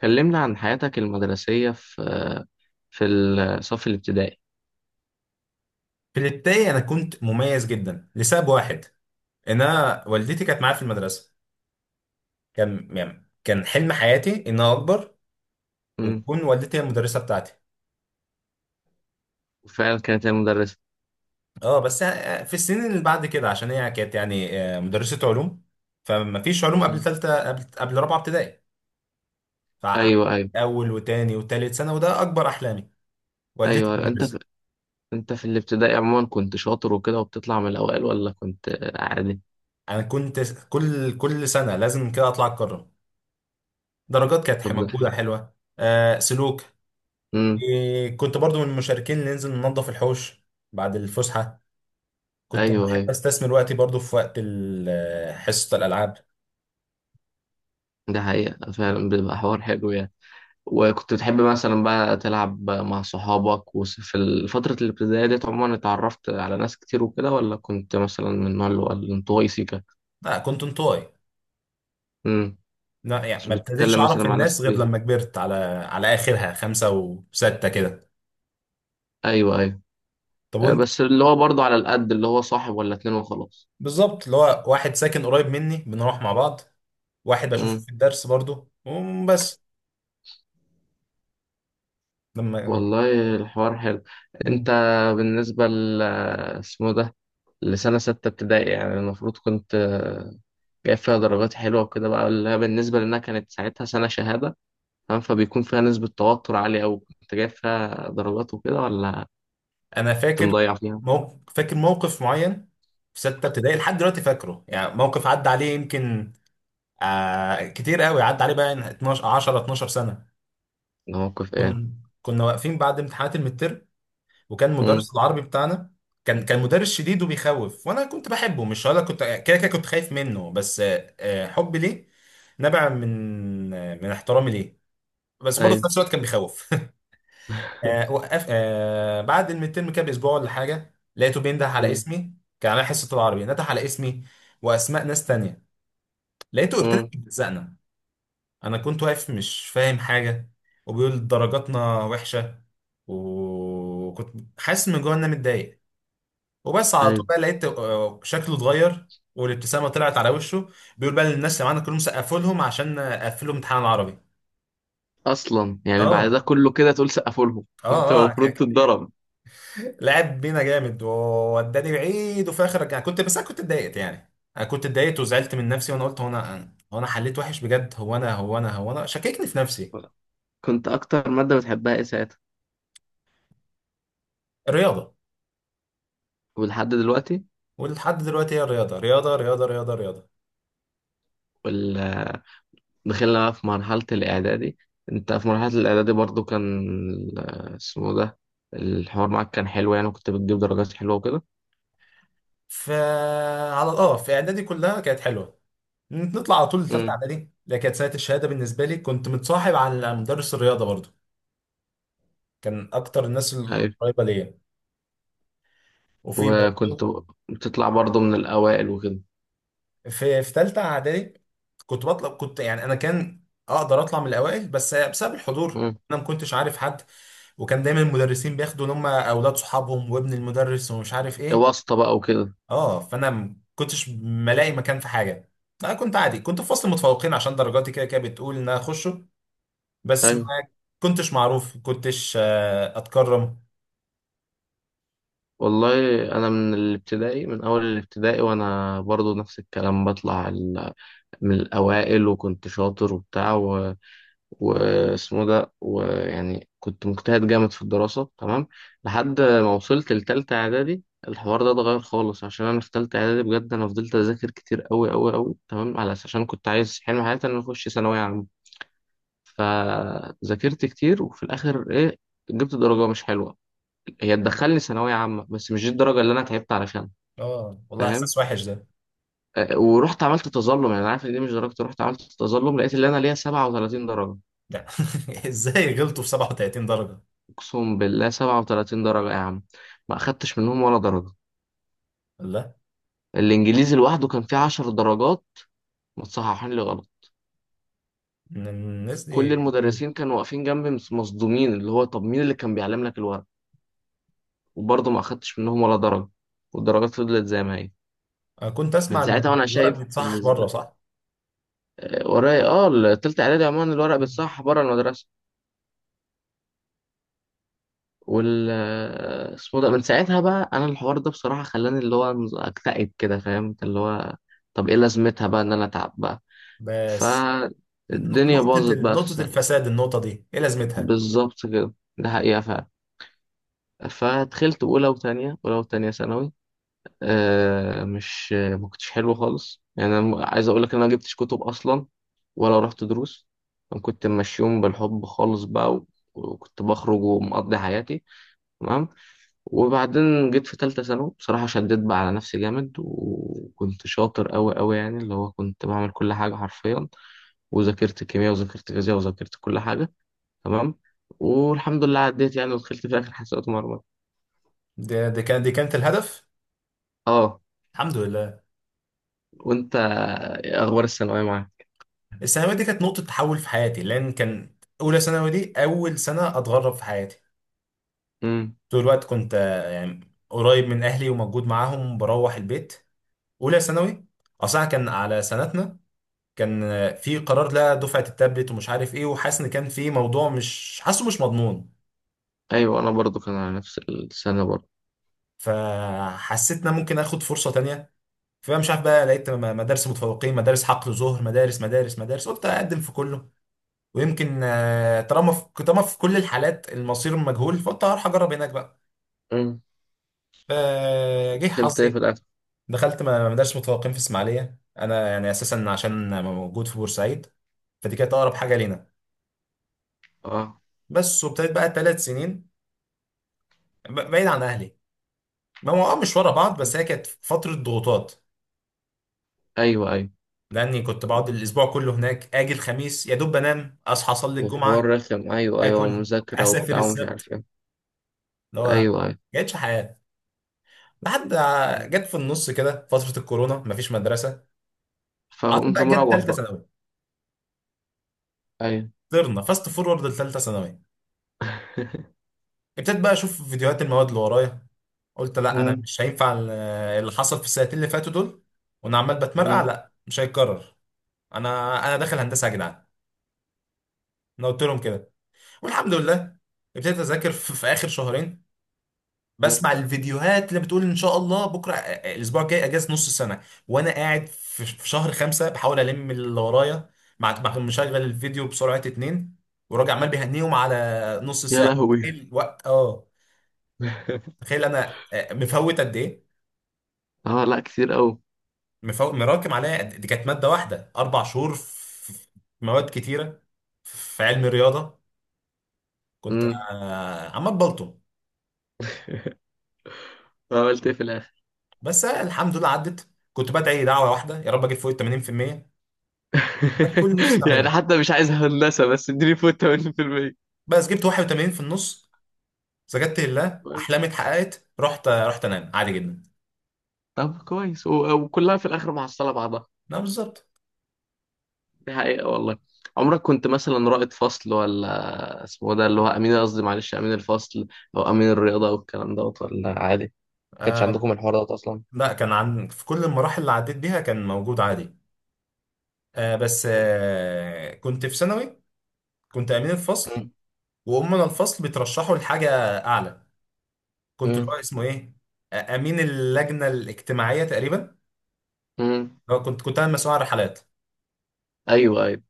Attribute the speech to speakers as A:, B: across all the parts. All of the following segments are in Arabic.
A: كلمنا عن حياتك المدرسية في الصف الابتدائي.
B: في الابتدائي انا كنت مميز جدا لسبب واحد، ان انا والدتي كانت معايا في المدرسه. كان يعني كان حلم حياتي ان انا اكبر
A: امم
B: وتكون والدتي هي المدرسه بتاعتي.
A: فعلا كانت هي مدرسة.
B: اه، بس في السنين اللي بعد كده عشان هي كانت يعني مدرسه علوم، فما فيش علوم قبل
A: امم
B: ثالثه قبل رابعه ابتدائي. ف
A: أيوه أيوه
B: اول وتاني وتالت سنه، وده اكبر احلامي، والدتي
A: أيوه أيوة.
B: مدرسه.
A: أنت في الابتدائي عموما كنت شاطر وكده وبتطلع من الأوائل ولا كنت عادي؟
B: انا كنت كل سنه لازم كده اطلع اتكرم، درجات كانت
A: طب
B: موجوده
A: ده
B: حلوه، سلوك.
A: امم
B: كنت برضو من المشاركين اللي ننزل ننظف الحوش بعد الفسحة. كنت
A: أيوه
B: بحب
A: أيوه،
B: استثمر وقتي برضو في وقت حصة الألعاب.
A: ده حقيقة فعلا بيبقى حوار حلو يعني. وكنت بتحب مثلا بقى تلعب مع صحابك؟ وفي فترة الابتدائية ديت عموما اتعرفت على ناس كتير وكده ولا كنت مثلا من النوع اللي هو الانطوائي سيكا؟
B: لا، كنت انطوي.
A: امم
B: لا يعني
A: كنتش
B: ما ابتديتش
A: بتتكلم مثلا
B: أعرف
A: مع ناس
B: الناس غير
A: كتير؟
B: لما كبرت، على آخرها خمسة وستة كده.
A: أيوه أيوه.
B: طب وأنت؟
A: بس اللي هو برضه على القد، اللي هو صاحب ولا اتنين وخلاص.
B: بالظبط، اللي هو واحد ساكن قريب مني بنروح مع بعض، واحد بشوفه
A: مم.
B: في الدرس برضو وبس. لما
A: والله الحوار حلو. انت بالنسبة ل اسمه ده، لسنة ستة ابتدائي يعني المفروض كنت جايب فيها درجات حلوة وكده بقى، اللي هي بالنسبة لأنها كانت ساعتها سنة شهادة، فاهم، فبيكون فيها نسبة توتر عالية أوي. كنت جايب فيها درجات وكده ولا
B: أنا
A: كنت
B: فاكر
A: مضيع فيها؟
B: موقف معين في ستة ابتدائي، لحد دلوقتي فاكره، يعني موقف عدى عليه يمكن كتير قوي، عدى عليه بقى 12 10 12 سنه.
A: ده موقف
B: كنا
A: إيه؟
B: مم. كنا واقفين بعد امتحانات المتر، وكان
A: مم.
B: مدرس العربي بتاعنا، كان مدرس شديد وبيخوف، وانا كنت بحبه، مش هقول لك كنت كده كده كنت خايف منه، بس حبي ليه نبع من احترامي ليه، بس برضه في
A: أيوه.
B: نفس الوقت كان بيخوف. وقف بعد المترم كده باسبوع ولا حاجه، لقيته بينده على
A: مم.
B: اسمي، كان على حصه العربي نده على اسمي واسماء ناس تانية، لقيته ابتدى
A: مم.
B: يلزقنا، انا كنت واقف مش فاهم حاجه وبيقول درجاتنا وحشه، وكنت حاسس من جوه ان انا متضايق، وبس على طول
A: أيوه.
B: بقى لقيت شكله اتغير والابتسامه طلعت على وشه، بيقول بقى للناس اللي معانا كلهم سقفوا لهم عشان قفلوا امتحان العربي.
A: أصلا يعني بعد
B: اه،
A: ده كله كده تقول سقفوا لهم؟ أنت
B: اه، اه،
A: المفروض تتضرب.
B: لعب بينا جامد ووداني بعيد وفي الاخر رجع، كنت، بس انا كنت اتضايقت، يعني انا كنت اتضايقت وزعلت من نفسي، وانا قلت هو انا هو انا حليت وحش بجد، هو انا هو انا هو انا شككني في نفسي.
A: كنت اكتر ماده بتحبها ايه ساعتها
B: الرياضه.
A: ولحد دلوقتي؟
B: ولحد دلوقتي هي رياضة رياضة رياضة رياضة رياضة.
A: ولا دخلنا بقى في مرحله الاعدادي. انت في مرحله الاعدادي برضو كان ال- اسمه ده الحوار معاك كان حلو يعني، وكنت بتجيب درجات حلوه وكده.
B: فعلى اه في اعدادي كلها كانت حلوة، نطلع على طول لثالثة
A: امم.
B: اعدادي اللي كانت سنة الشهادة بالنسبة لي، كنت متصاحب على مدرس الرياضة برضو، كان اكتر الناس
A: ايوه.
B: القريبة ليا. وفي
A: وكنت
B: برضو،
A: بتطلع برضو من الاوائل وكده.
B: في ثالثة اعدادي كنت بطلع، كنت يعني انا كان اقدر اطلع من الاوائل، بس بسبب الحضور
A: امم.
B: انا ما كنتش عارف حد، وكان دايما المدرسين بياخدوا ان هم اولاد صحابهم وابن المدرس ومش عارف ايه.
A: واسطه بقى وكده.
B: اه، فانا ما كنتش ملاقي مكان في حاجه، انا كنت عادي كنت في فصل متفوقين عشان درجاتي كده كده بتقول ان انا اخشه، بس ما
A: ايوه.
B: كنتش معروف، كنتش اتكرم.
A: والله انا من الابتدائي، من اول الابتدائي وانا برضو نفس الكلام، بطلع من الاوائل وكنت شاطر وبتاع واسمه ده، ويعني كنت مجتهد جامد في الدراسة، تمام، لحد ما وصلت لتالتة إعدادي. الحوار ده اتغير خالص عشان أنا في تالتة إعدادي بجد أنا فضلت أذاكر كتير أوي أوي أوي، تمام، على أساس عشان كنت عايز حلم حياتي إن أنا أخش ثانوية عامة. فذاكرت كتير وفي الآخر إيه، جبت درجة مش حلوة. هي تدخلني ثانوية عامة بس مش دي الدرجة اللي أنا تعبت علشانها،
B: اه والله،
A: فاهم.
B: احساس وحش ده.
A: أه، ورحت عملت تظلم، يعني أنا عارف إن دي مش درجتي، رحت عملت تظلم لقيت اللي أنا ليا 37 درجة.
B: لا، ازاي غلطوا في 37 درجه؟
A: اقسم بالله 37 درجة يا عم، ما اخدتش منهم ولا درجة.
B: لا،
A: الانجليزي لوحده كان فيه 10 درجات متصححين لي غلط.
B: إن الناس دي
A: كل
B: غريبة.
A: المدرسين كانوا واقفين جنبي مصدومين، اللي هو طب مين اللي كان بيعلم لك الورق. وبرضه ما اخدتش منهم ولا درجة، والدرجات فضلت زي ما هي.
B: انا كنت
A: من
B: اسمع ان
A: ساعتها وانا
B: الورق
A: شايف
B: بيتصحح بره،
A: بالنسبة
B: صح؟
A: ورايا اه، التالتة اعدادي عموما الورق بيتصحح بره المدرسة. وال اسمه ده، من ساعتها بقى انا الحوار ده بصراحة خلاني اللي هو اكتئب كده، فاهم، اللي هو طب ايه لازمتها بقى ان انا اتعب بقى،
B: بس
A: فالدنيا
B: نقطه
A: باظت بقى في
B: نقطه
A: سنة.
B: الفساد، النقطه دي ايه لازمتها؟
A: بالظبط كده، ده حقيقة فعلا. فدخلت أولى وتانية، أولى وتانية ثانوي، آه مش ما كنتش حلو خالص، يعني أنا عايز أقول لك إن أنا ما جبتش كتب أصلا ولا رحت دروس. أنا كنت ماشيهم بالحب خالص بقى، وكنت بخرج ومقضي حياتي، تمام. وبعدين جيت في تالتة ثانوي بصراحة شديت بقى على نفسي جامد وكنت شاطر أوي أوي يعني، اللي هو كنت بعمل كل حاجة حرفيا، وذاكرت كيمياء وذاكرت فيزياء وذاكرت كل حاجة، تمام. والحمد لله عديت يعني ودخلت في اخر حسابات مرمى.
B: دي كانت الهدف.
A: اه.
B: الحمد لله.
A: وانت إيه اخبار الثانويه معاك؟
B: الثانوية دي كانت نقطة تحول في حياتي، لأن كان أولى ثانوي دي أول سنة أتغرب في حياتي،
A: امم.
B: طول الوقت كنت يعني قريب من أهلي وموجود معاهم بروح البيت. أولى ثانوي أصلا كان على سنتنا، كان في قرار لا دفعة التابلت ومش عارف إيه، وحاسس إن كان في موضوع مش حاسه مش مضمون.
A: ايوه انا برضو كان على نفس السنه برضو.
B: فحسيت إن أنا ممكن آخد فرصة تانية، فمش عارف بقى، لقيت مدارس متفوقين مدارس حقل ظهر مدارس مدارس مدارس، قلت أقدم في كله، ويمكن طالما في كل الحالات المصير مجهول، فقلت هروح اجرب هناك بقى،
A: امم.
B: فجه
A: دخلت ايه
B: حظي.
A: في الاخر؟
B: دخلت ما مدارس متفوقين في اسماعيليه، انا يعني اساسا عشان موجود في بورسعيد، فدي كانت اقرب حاجه لينا.
A: اه.
B: بس، وابتديت بقى 3 سنين بعيد عن اهلي. ما هو مش ورا بعض،
A: مم.
B: بس هي كانت فتره ضغوطات،
A: ايوه ايوه.
B: لاني كنت بقعد الاسبوع كله هناك، اجي الخميس يا دوب بنام اصحى اصلي
A: والحوار
B: الجمعه
A: رخم، ايوه ايوه،
B: اكل،
A: مذاكره
B: اسافر
A: وبتاع ومش عارف
B: السبت،
A: ايه.
B: اللي هو ما
A: ايوه ايوه.
B: كانتش حياه. لحد
A: مم.
B: جت في النص كده فترة الكورونا، مفيش مدرسة، قعدت
A: فقمت
B: بقى، جت
A: مروح
B: تالتة
A: بقى.
B: ثانوي.
A: ايوه.
B: طرنا فاست فورورد لتالتة ثانوي. ابتديت بقى أشوف فيديوهات المواد اللي ورايا، قلت لا أنا
A: مم.
B: مش هينفع اللي حصل في السنتين اللي فاتوا دول وأنا عمال بتمرقع،
A: مم.
B: لا مش هيتكرر. أنا أنا داخل هندسة يا جدعان، أنا قلت لهم كده، والحمد لله. ابتديت أذاكر في آخر شهرين،
A: مم.
B: بسمع الفيديوهات اللي بتقول ان شاء الله بكره الاسبوع الجاي اجازه نص السنه، وانا قاعد في شهر خمسه بحاول الم اللي ورايا، مع مشغل الفيديو بسرعه اتنين، وراجع عمال بيهنيهم على نص
A: يا
B: ساعه.
A: لهوي.
B: تخيل الوقت، اه، تخيل انا مفوت قد ايه،
A: اه لا كتير قوي.
B: مفوت مراكم عليا دي كانت ماده واحده 4 شهور، في في مواد كتيره، في علم الرياضه كنت
A: امم.
B: عمال بلطم.
A: عملت ايه في الاخر؟
B: بس الحمد لله عدت، كنت بدعي دعوه واحده، يا رب اجيب فوق ال 80%، ده كل اللي نفسي
A: يعني
B: اعمله.
A: حتى مش عايز هندسه، بس اديني فوت 80%.
B: بس جبت 81 في النص، سجدت لله،
A: طيب.
B: احلامي اتحققت، رحت، رحت انام عادي جدا.
A: طب كويس، وكلها في الاخر محصله بعضها.
B: لا، بالظبط.
A: دي حقيقه والله. عمرك كنت مثلا رائد فصل ولا اسمه ده اللي هو امين، قصدي معلش، امين الفصل او امين الرياضه او الكلام دوت، ولا عادي ما كانش
B: آه
A: عندكم الحوار دوت اصلا؟
B: لا، كان عن في كل المراحل اللي عديت بيها كان موجود عادي. بس كنت في ثانوي كنت امين الفصل،
A: مم.
B: وامنا الفصل بيترشحوا لحاجه اعلى، كنت اللي
A: مم.
B: هو اسمه ايه، امين اللجنه الاجتماعيه تقريبا.
A: مم.
B: كنت انا مسؤول عن الرحلات،
A: ايوه ايوه.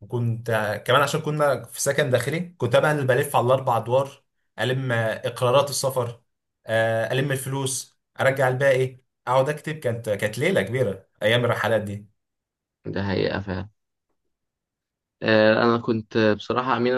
B: وكنت كمان عشان كنا في سكن داخلي كنت بقى انا اللي بلف على الاربع ادوار، الم اقرارات السفر، الم الفلوس ارجع الباقي، اقعد اكتب، كانت ليله كبيره ايام الرحلات دي.
A: ده حقيقه فعلا. انا كنت بصراحه امين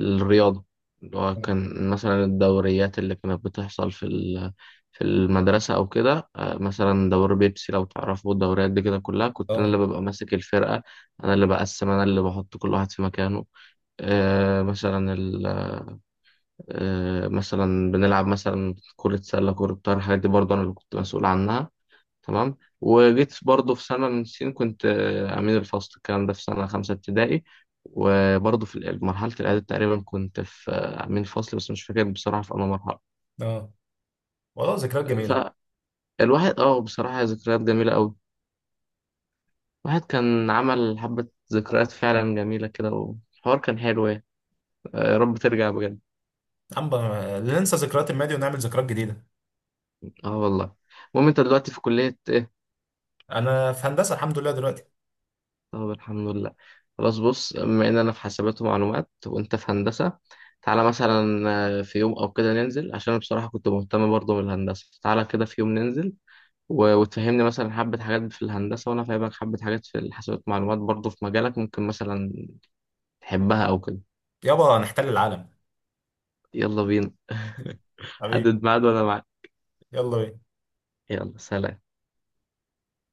A: الرياضة، اللي هو كان مثلا الدوريات اللي كانت بتحصل في في المدرسة أو كده. مثلا دوري بيبسي لو تعرفوا الدوريات دي كده، كلها كنت أنا اللي
B: اه،
A: ببقى ماسك الفرقة، أنا اللي بقسم، أنا اللي بحط كل واحد في مكانه. آه، مثلا ال... مثلا بنلعب مثلا كرة سلة، كرة طايرة، الحاجات دي برضه أنا اللي كنت مسؤول عنها، تمام. وجيت برضه في سنة من السنين كنت أمين الفصل، الكلام ده في سنة خمسة ابتدائي. وبرضه في مرحلة الإعداد تقريبا كنت في أمين فصل، بس مش فاكر بصراحة في أنا مرحلة.
B: اه، والله ذكريات جميله.
A: فالواحد اه بصراحة ذكريات جميلة أوي. الواحد كان عمل حبة ذكريات فعلا جميلة كده، والحوار كان حلو يعني. يا رب ترجع بجد.
B: لا ننسى ذكريات الماضي ونعمل ذكريات جديده.
A: اه والله. المهم انت دلوقتي في كلية.
B: انا في هندسه الحمد لله دلوقتي.
A: طب الحمد لله. خلاص بص، بما ان انا في حاسبات ومعلومات وانت في هندسه، تعالى مثلا في يوم او كده ننزل، عشان أنا بصراحه كنت مهتم برضه بالهندسه. تعالى كده في يوم ننزل، وتفهمني مثلا حبه حاجات في الهندسه، وانا فاهمك حبه حاجات في الحاسبات والمعلومات برضه في مجالك، ممكن مثلا تحبها او كده.
B: يابا نحتل العالم،
A: يلا بينا.
B: حبيبي،
A: حدد ميعاد وانا معاك.
B: يلا بينا.
A: يلا سلام.